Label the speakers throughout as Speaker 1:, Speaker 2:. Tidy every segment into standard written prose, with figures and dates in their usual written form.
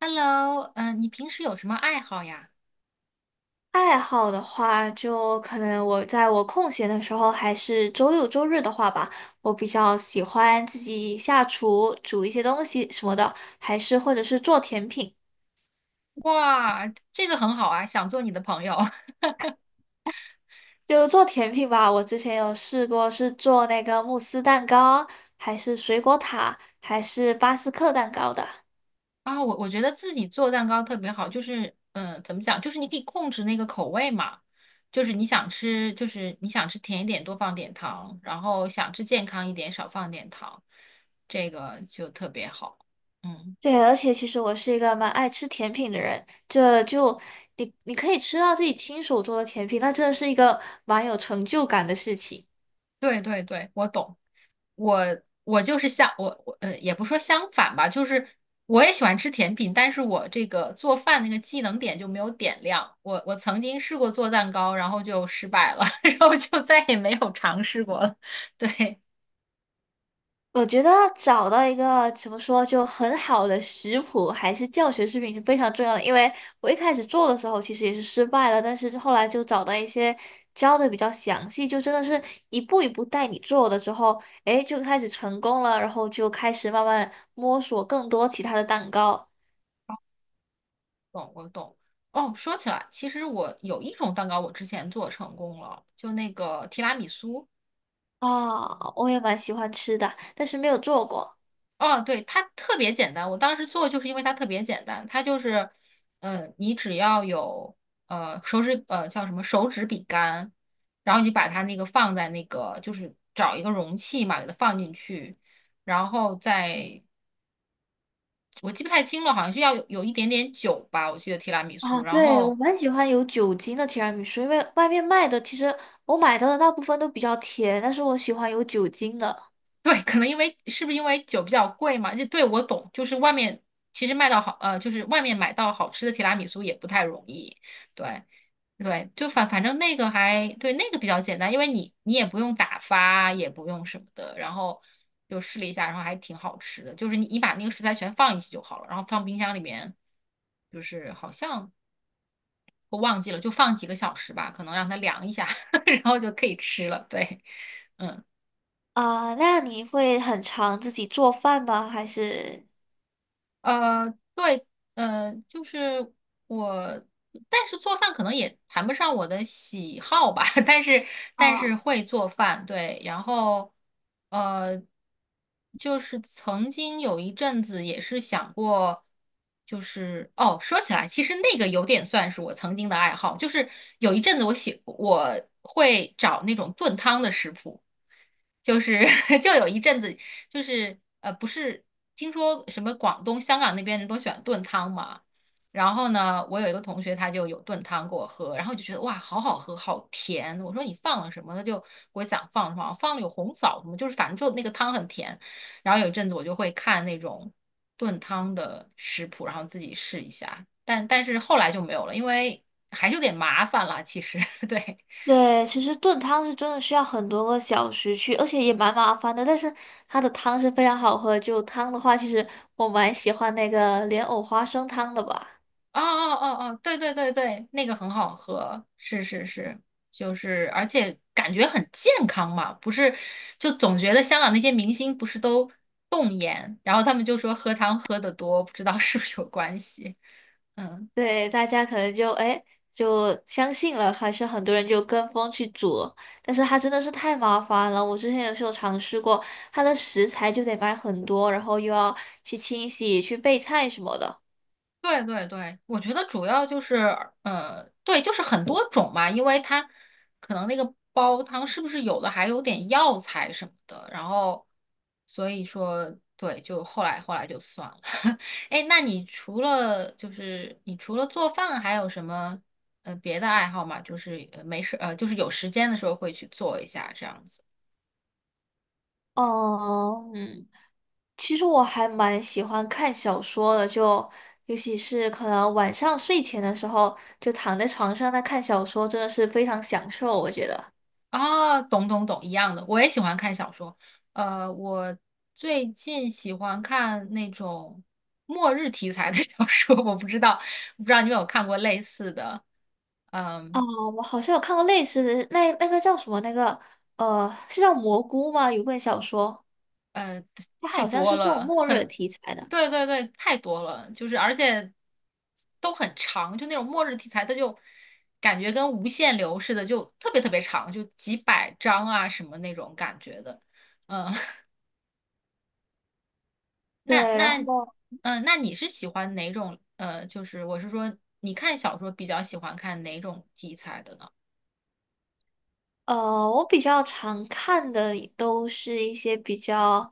Speaker 1: Hello，嗯，你平时有什么爱好呀？
Speaker 2: 爱好的话，就可能我在我空闲的时候，还是周六周日的话吧，我比较喜欢自己下厨煮一些东西什么的，还是或者是做甜品。
Speaker 1: 哇，这个很好啊，想做你的朋友
Speaker 2: 就做甜品吧，我之前有试过是做那个慕斯蛋糕，还是水果塔，还是巴斯克蛋糕的。
Speaker 1: 啊。我觉得自己做蛋糕特别好，就是嗯，怎么讲，就是你可以控制那个口味嘛，就是你想吃甜一点多放点糖，然后想吃健康一点少放点糖，这个就特别好。嗯。
Speaker 2: 对，而且其实我是一个蛮爱吃甜品的人，这就你可以吃到自己亲手做的甜品，那真的是一个蛮有成就感的事情。
Speaker 1: 对对对，我懂。我我就是相我我呃，也不说相反吧，就是我也喜欢吃甜品，但是我这个做饭那个技能点就没有点亮。我曾经试过做蛋糕，然后就失败了，然后就再也没有尝试过了。对，
Speaker 2: 我觉得找到一个怎么说就很好的食谱还是教学视频是非常重要的，因为我一开始做的时候其实也是失败了，但是后来就找到一些教的比较详细，就真的是一步一步带你做的之后，诶，就开始成功了，然后就开始慢慢摸索更多其他的蛋糕。
Speaker 1: 懂我懂。哦，说起来，其实我有一种蛋糕我之前做成功了，就那个提拉米苏。
Speaker 2: 啊，我也蛮喜欢吃的，但是没有做过。
Speaker 1: 哦，对，它特别简单。我当时做就是因为它特别简单，它就是，你只要有手指叫什么手指饼干，然后你把它那个放在那个就是找一个容器嘛，给它放进去，然后再我记不太清了，好像是要有一点点酒吧，我记得提拉米苏。
Speaker 2: 啊，
Speaker 1: 然
Speaker 2: 对，我
Speaker 1: 后
Speaker 2: 蛮喜欢有酒精的提拉米苏，因为外面卖的其实我买到的大部分都比较甜，但是我喜欢有酒精的。
Speaker 1: 对，可能因为是不是因为酒比较贵嘛？就对我懂，就是外面其实卖到好就是外面买到好吃的提拉米苏也不太容易，对。对，就反正那个还对那个比较简单，因为你也不用打发，也不用什么的，然后就试了一下，然后还挺好吃的。就是你把那个食材全放一起就好了，然后放冰箱里面，就是好像我忘记了，就放几个小时吧，可能让它凉一下，然后就可以吃了。对，嗯。
Speaker 2: 啊，那你会很常自己做饭吗？还是？
Speaker 1: 对，就是我，但是做饭可能也谈不上我的喜好吧，但是但是
Speaker 2: 啊，
Speaker 1: 会做饭，对，然后呃，就是曾经有一阵子也是想过，就是哦，说起来，其实那个有点算是我曾经的爱好，就是有一阵子我会找那种炖汤的食谱。就是 就有一阵子，就是不是听说什么广东、香港那边人都喜欢炖汤嘛？然后呢，我有一个同学他就有炖汤给我喝，然后就觉得哇，好好喝，好甜。我说你放了什么？他就给我想放什么，放了有红枣什么，就是反正就那个汤很甜。然后有一阵子我就会看那种炖汤的食谱，然后自己试一下。但是后来就没有了，因为还是有点麻烦啦，其实，对。
Speaker 2: 对，其实炖汤是真的需要很多个小时去，而且也蛮麻烦的。但是它的汤是非常好喝，就汤的话，其实我蛮喜欢那个莲藕花生汤的吧。
Speaker 1: 哦哦哦哦，对对对对，那个很好喝，是是是，就是而且感觉很健康嘛，不是，就总觉得香港那些明星不是都冻颜，然后他们就说喝汤喝得多，不知道 是不是有关系，嗯。
Speaker 2: 对，大家可能就哎就相信了，还是很多人就跟风去煮，但是它真的是太麻烦了。我之前也是有尝试过，它的食材就得买很多，然后又要去清洗、去备菜什么的。
Speaker 1: 对对对，我觉得主要就是，对，就是很多种嘛，因为它可能那个煲汤是不是有的还有点药材什么的，然后所以说，对，就后来就算了。哎那你除了就是你除了做饭，还有什么别的爱好吗？就是没事就是有时间的时候会去做一下这样子。
Speaker 2: 哦，嗯，其实我还蛮喜欢看小说的，就尤其是可能晚上睡前的时候，就躺在床上那看小说，真的是非常享受，我觉得。
Speaker 1: 啊，懂懂懂，一样的，我也喜欢看小说。我最近喜欢看那种末日题材的 小说，我不知道，不知道你有没有看过类似的？
Speaker 2: 哦，
Speaker 1: 嗯，
Speaker 2: 我好像有看过类似的，那那个叫什么？那个是叫蘑菇吗？有本小说，
Speaker 1: 呃，
Speaker 2: 它
Speaker 1: 太
Speaker 2: 好像
Speaker 1: 多
Speaker 2: 是这种
Speaker 1: 了，
Speaker 2: 末
Speaker 1: 可能，
Speaker 2: 日题材的。
Speaker 1: 对对对，太多了，就是而且都很长，就那种末日题材，它就感觉跟无限流似的，就特别特别长，就几百章啊什么那种感觉的。嗯，那
Speaker 2: 对，然
Speaker 1: 那，
Speaker 2: 后
Speaker 1: 嗯、那你是喜欢哪种？就是我是说，你看小说比较喜欢看哪种题材的呢？
Speaker 2: 呃，我比较常看的都是一些比较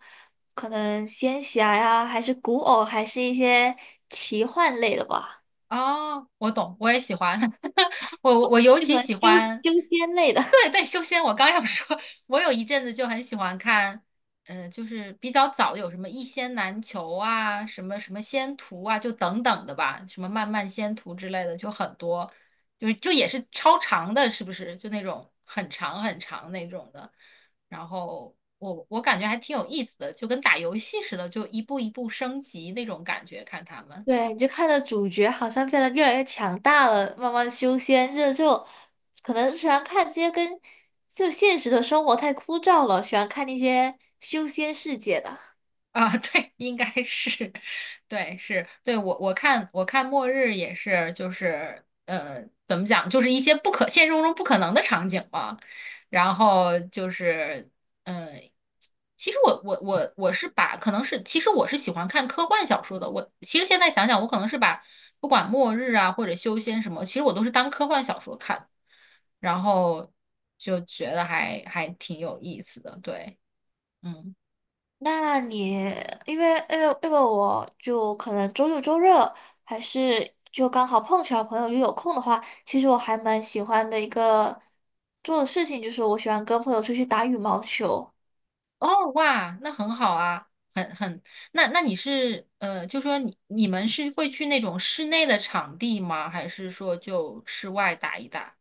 Speaker 2: 可能仙侠呀，还是古偶，还是一些奇幻类的吧，
Speaker 1: 哦，我懂，我也喜欢，我尤
Speaker 2: 就可
Speaker 1: 其
Speaker 2: 能
Speaker 1: 喜
Speaker 2: 修
Speaker 1: 欢，
Speaker 2: 修仙类的。
Speaker 1: 对对，修仙，我刚要说，我有一阵子就很喜欢看，嗯，就是比较早有什么《一仙难求》啊，什么什么仙途啊，就等等的吧，什么漫漫仙途之类的，就很多，就是就也是超长的，是不是？就那种很长很长那种的。然后我感觉还挺有意思的，就跟打游戏似的，就一步一步升级那种感觉，看他们。
Speaker 2: 对，你就看到主角好像变得越来越强大了，慢慢修仙，这就可能喜欢看这些跟就现实的生活太枯燥了，喜欢看那些修仙世界的。
Speaker 1: 啊，对，应该是，对，是，对，我看末日也是，就是怎么讲，就是一些不可现实中不可能的场景嘛，然后就是嗯、其实我我我我是把可能是，其实我是喜欢看科幻小说的，我其实现在想想，我可能是把不管末日啊或者修仙什么，其实我都是当科幻小说看，然后就觉得还挺有意思的，对，嗯。
Speaker 2: 那你因为我就可能周六周日还是就刚好碰巧朋友又有空的话，其实我还蛮喜欢的一个做的事情就是我喜欢跟朋友出去打羽毛球。
Speaker 1: 哦，哇，那很好啊，很很，那那你是就说你们是会去那种室内的场地吗？还是说就室外打一打？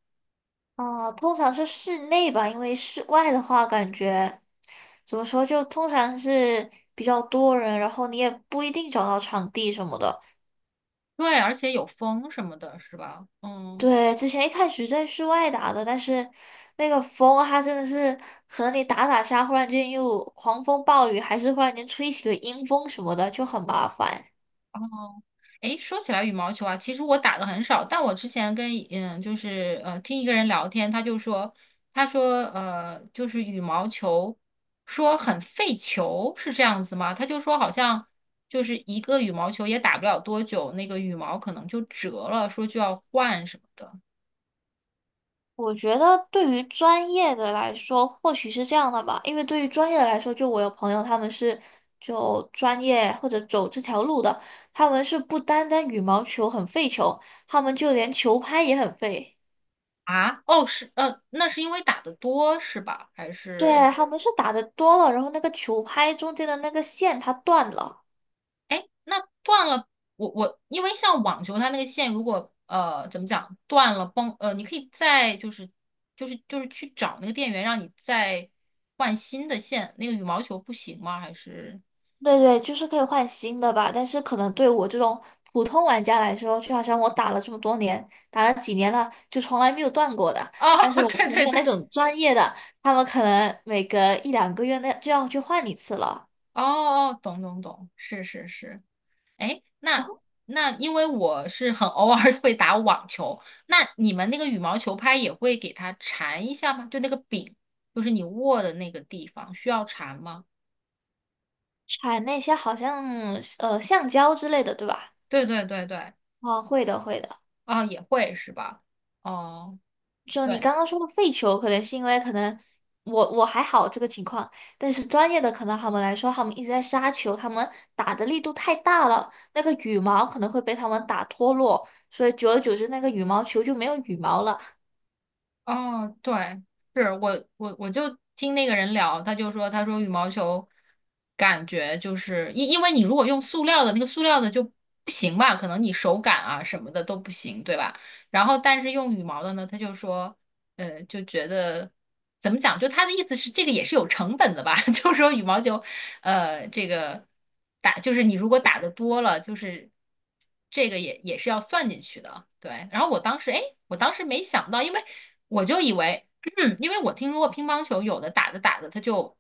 Speaker 2: 哦，通常是室内吧，因为室外的话，感觉怎么说，就通常是比较多人，然后你也不一定找到场地什么的。
Speaker 1: 对，而且有风什么的，是吧？嗯，
Speaker 2: 对，之前一开始在室外打的，但是那个风它真的是，和你打打下，忽然间又狂风暴雨，还是忽然间吹起了阴风什么的，就很麻烦。
Speaker 1: 哦，诶，说起来羽毛球啊，其实我打的很少，但我之前跟嗯，就是听一个人聊天，他就说，他说就是羽毛球说很费球，是这样子吗？他就说好像就是一个羽毛球也打不了多久，那个羽毛可能就折了，说就要换什么的。
Speaker 2: 我觉得对于专业的来说，或许是这样的吧，因为对于专业的来说，就我有朋友他们是就专业或者走这条路的，他们是不单单羽毛球很费球，他们就连球拍也很费。
Speaker 1: 啊？哦，是那是因为打得多是吧？还是？
Speaker 2: 对，他们是打的多了，然后那个球拍中间的那个线它断了。
Speaker 1: 哎，那断了，我因为像网球，它那个线如果怎么讲断了崩你可以再就是就是去找那个店员，让你再换新的线。那个羽毛球不行吗？还是
Speaker 2: 对对，就是可以换新的吧，但是可能对我这种普通玩家来说，就好像我打了这么多年，打了几年了，就从来没有断过的。
Speaker 1: 哦，
Speaker 2: 但是 我朋
Speaker 1: 对对
Speaker 2: 友
Speaker 1: 对，
Speaker 2: 那种专业的，他们可能每隔一两个月那就要去换一次了。
Speaker 1: 哦哦，懂懂懂，是是是。哎，
Speaker 2: 然
Speaker 1: 那
Speaker 2: 后
Speaker 1: 那因为我是很偶尔 会打网球，那你们那个羽毛球拍也会给它缠一下吗？就那个柄，就是你握的那个地方需要缠吗？
Speaker 2: 产那些好像橡胶之类的，对吧？
Speaker 1: 对对对对。
Speaker 2: 啊，会的，会的。
Speaker 1: 啊，也会是吧？哦，
Speaker 2: 就你
Speaker 1: 对，
Speaker 2: 刚刚说的废球，可能是因为可能我还好这个情况，但是专业的可能他们来说，他们一直在杀球，他们打的力度太大了，那个羽毛可能会被他们打脱落，所以久而久之那个羽毛球就没有羽毛了。
Speaker 1: 哦，对，是我就听那个人聊，他就说他说羽毛球感觉就是因为你如果用塑料的那个塑料的就不行吧，可能你手感啊什么的都不行，对吧？然后但是用羽毛的呢，他就说，就觉得怎么讲，就他的意思是这个也是有成本的吧，就是说羽毛球，这个打就是你如果打的多了，就是这个也是要算进去的，对。然后我当时哎，诶我当时没想到，因为。我就以为，因为我听说过乒乓球有的打着打着它就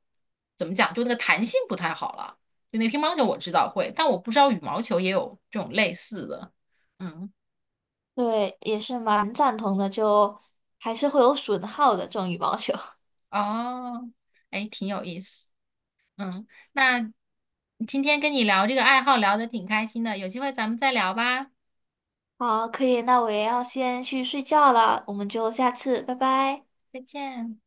Speaker 1: 怎么讲，就那个弹性不太好了。就那个乒乓球我知道会，但我不知道羽毛球也有这种类似的。嗯，
Speaker 2: 对，也是蛮赞同的，就还是会有损耗的这种羽毛球。
Speaker 1: 哦，哎，挺有意思。嗯，那今天跟你聊这个爱好聊的挺开心的，有机会咱们再聊吧，
Speaker 2: 好，可以，那我也要先去睡觉了，我们就下次，拜拜。
Speaker 1: 再见。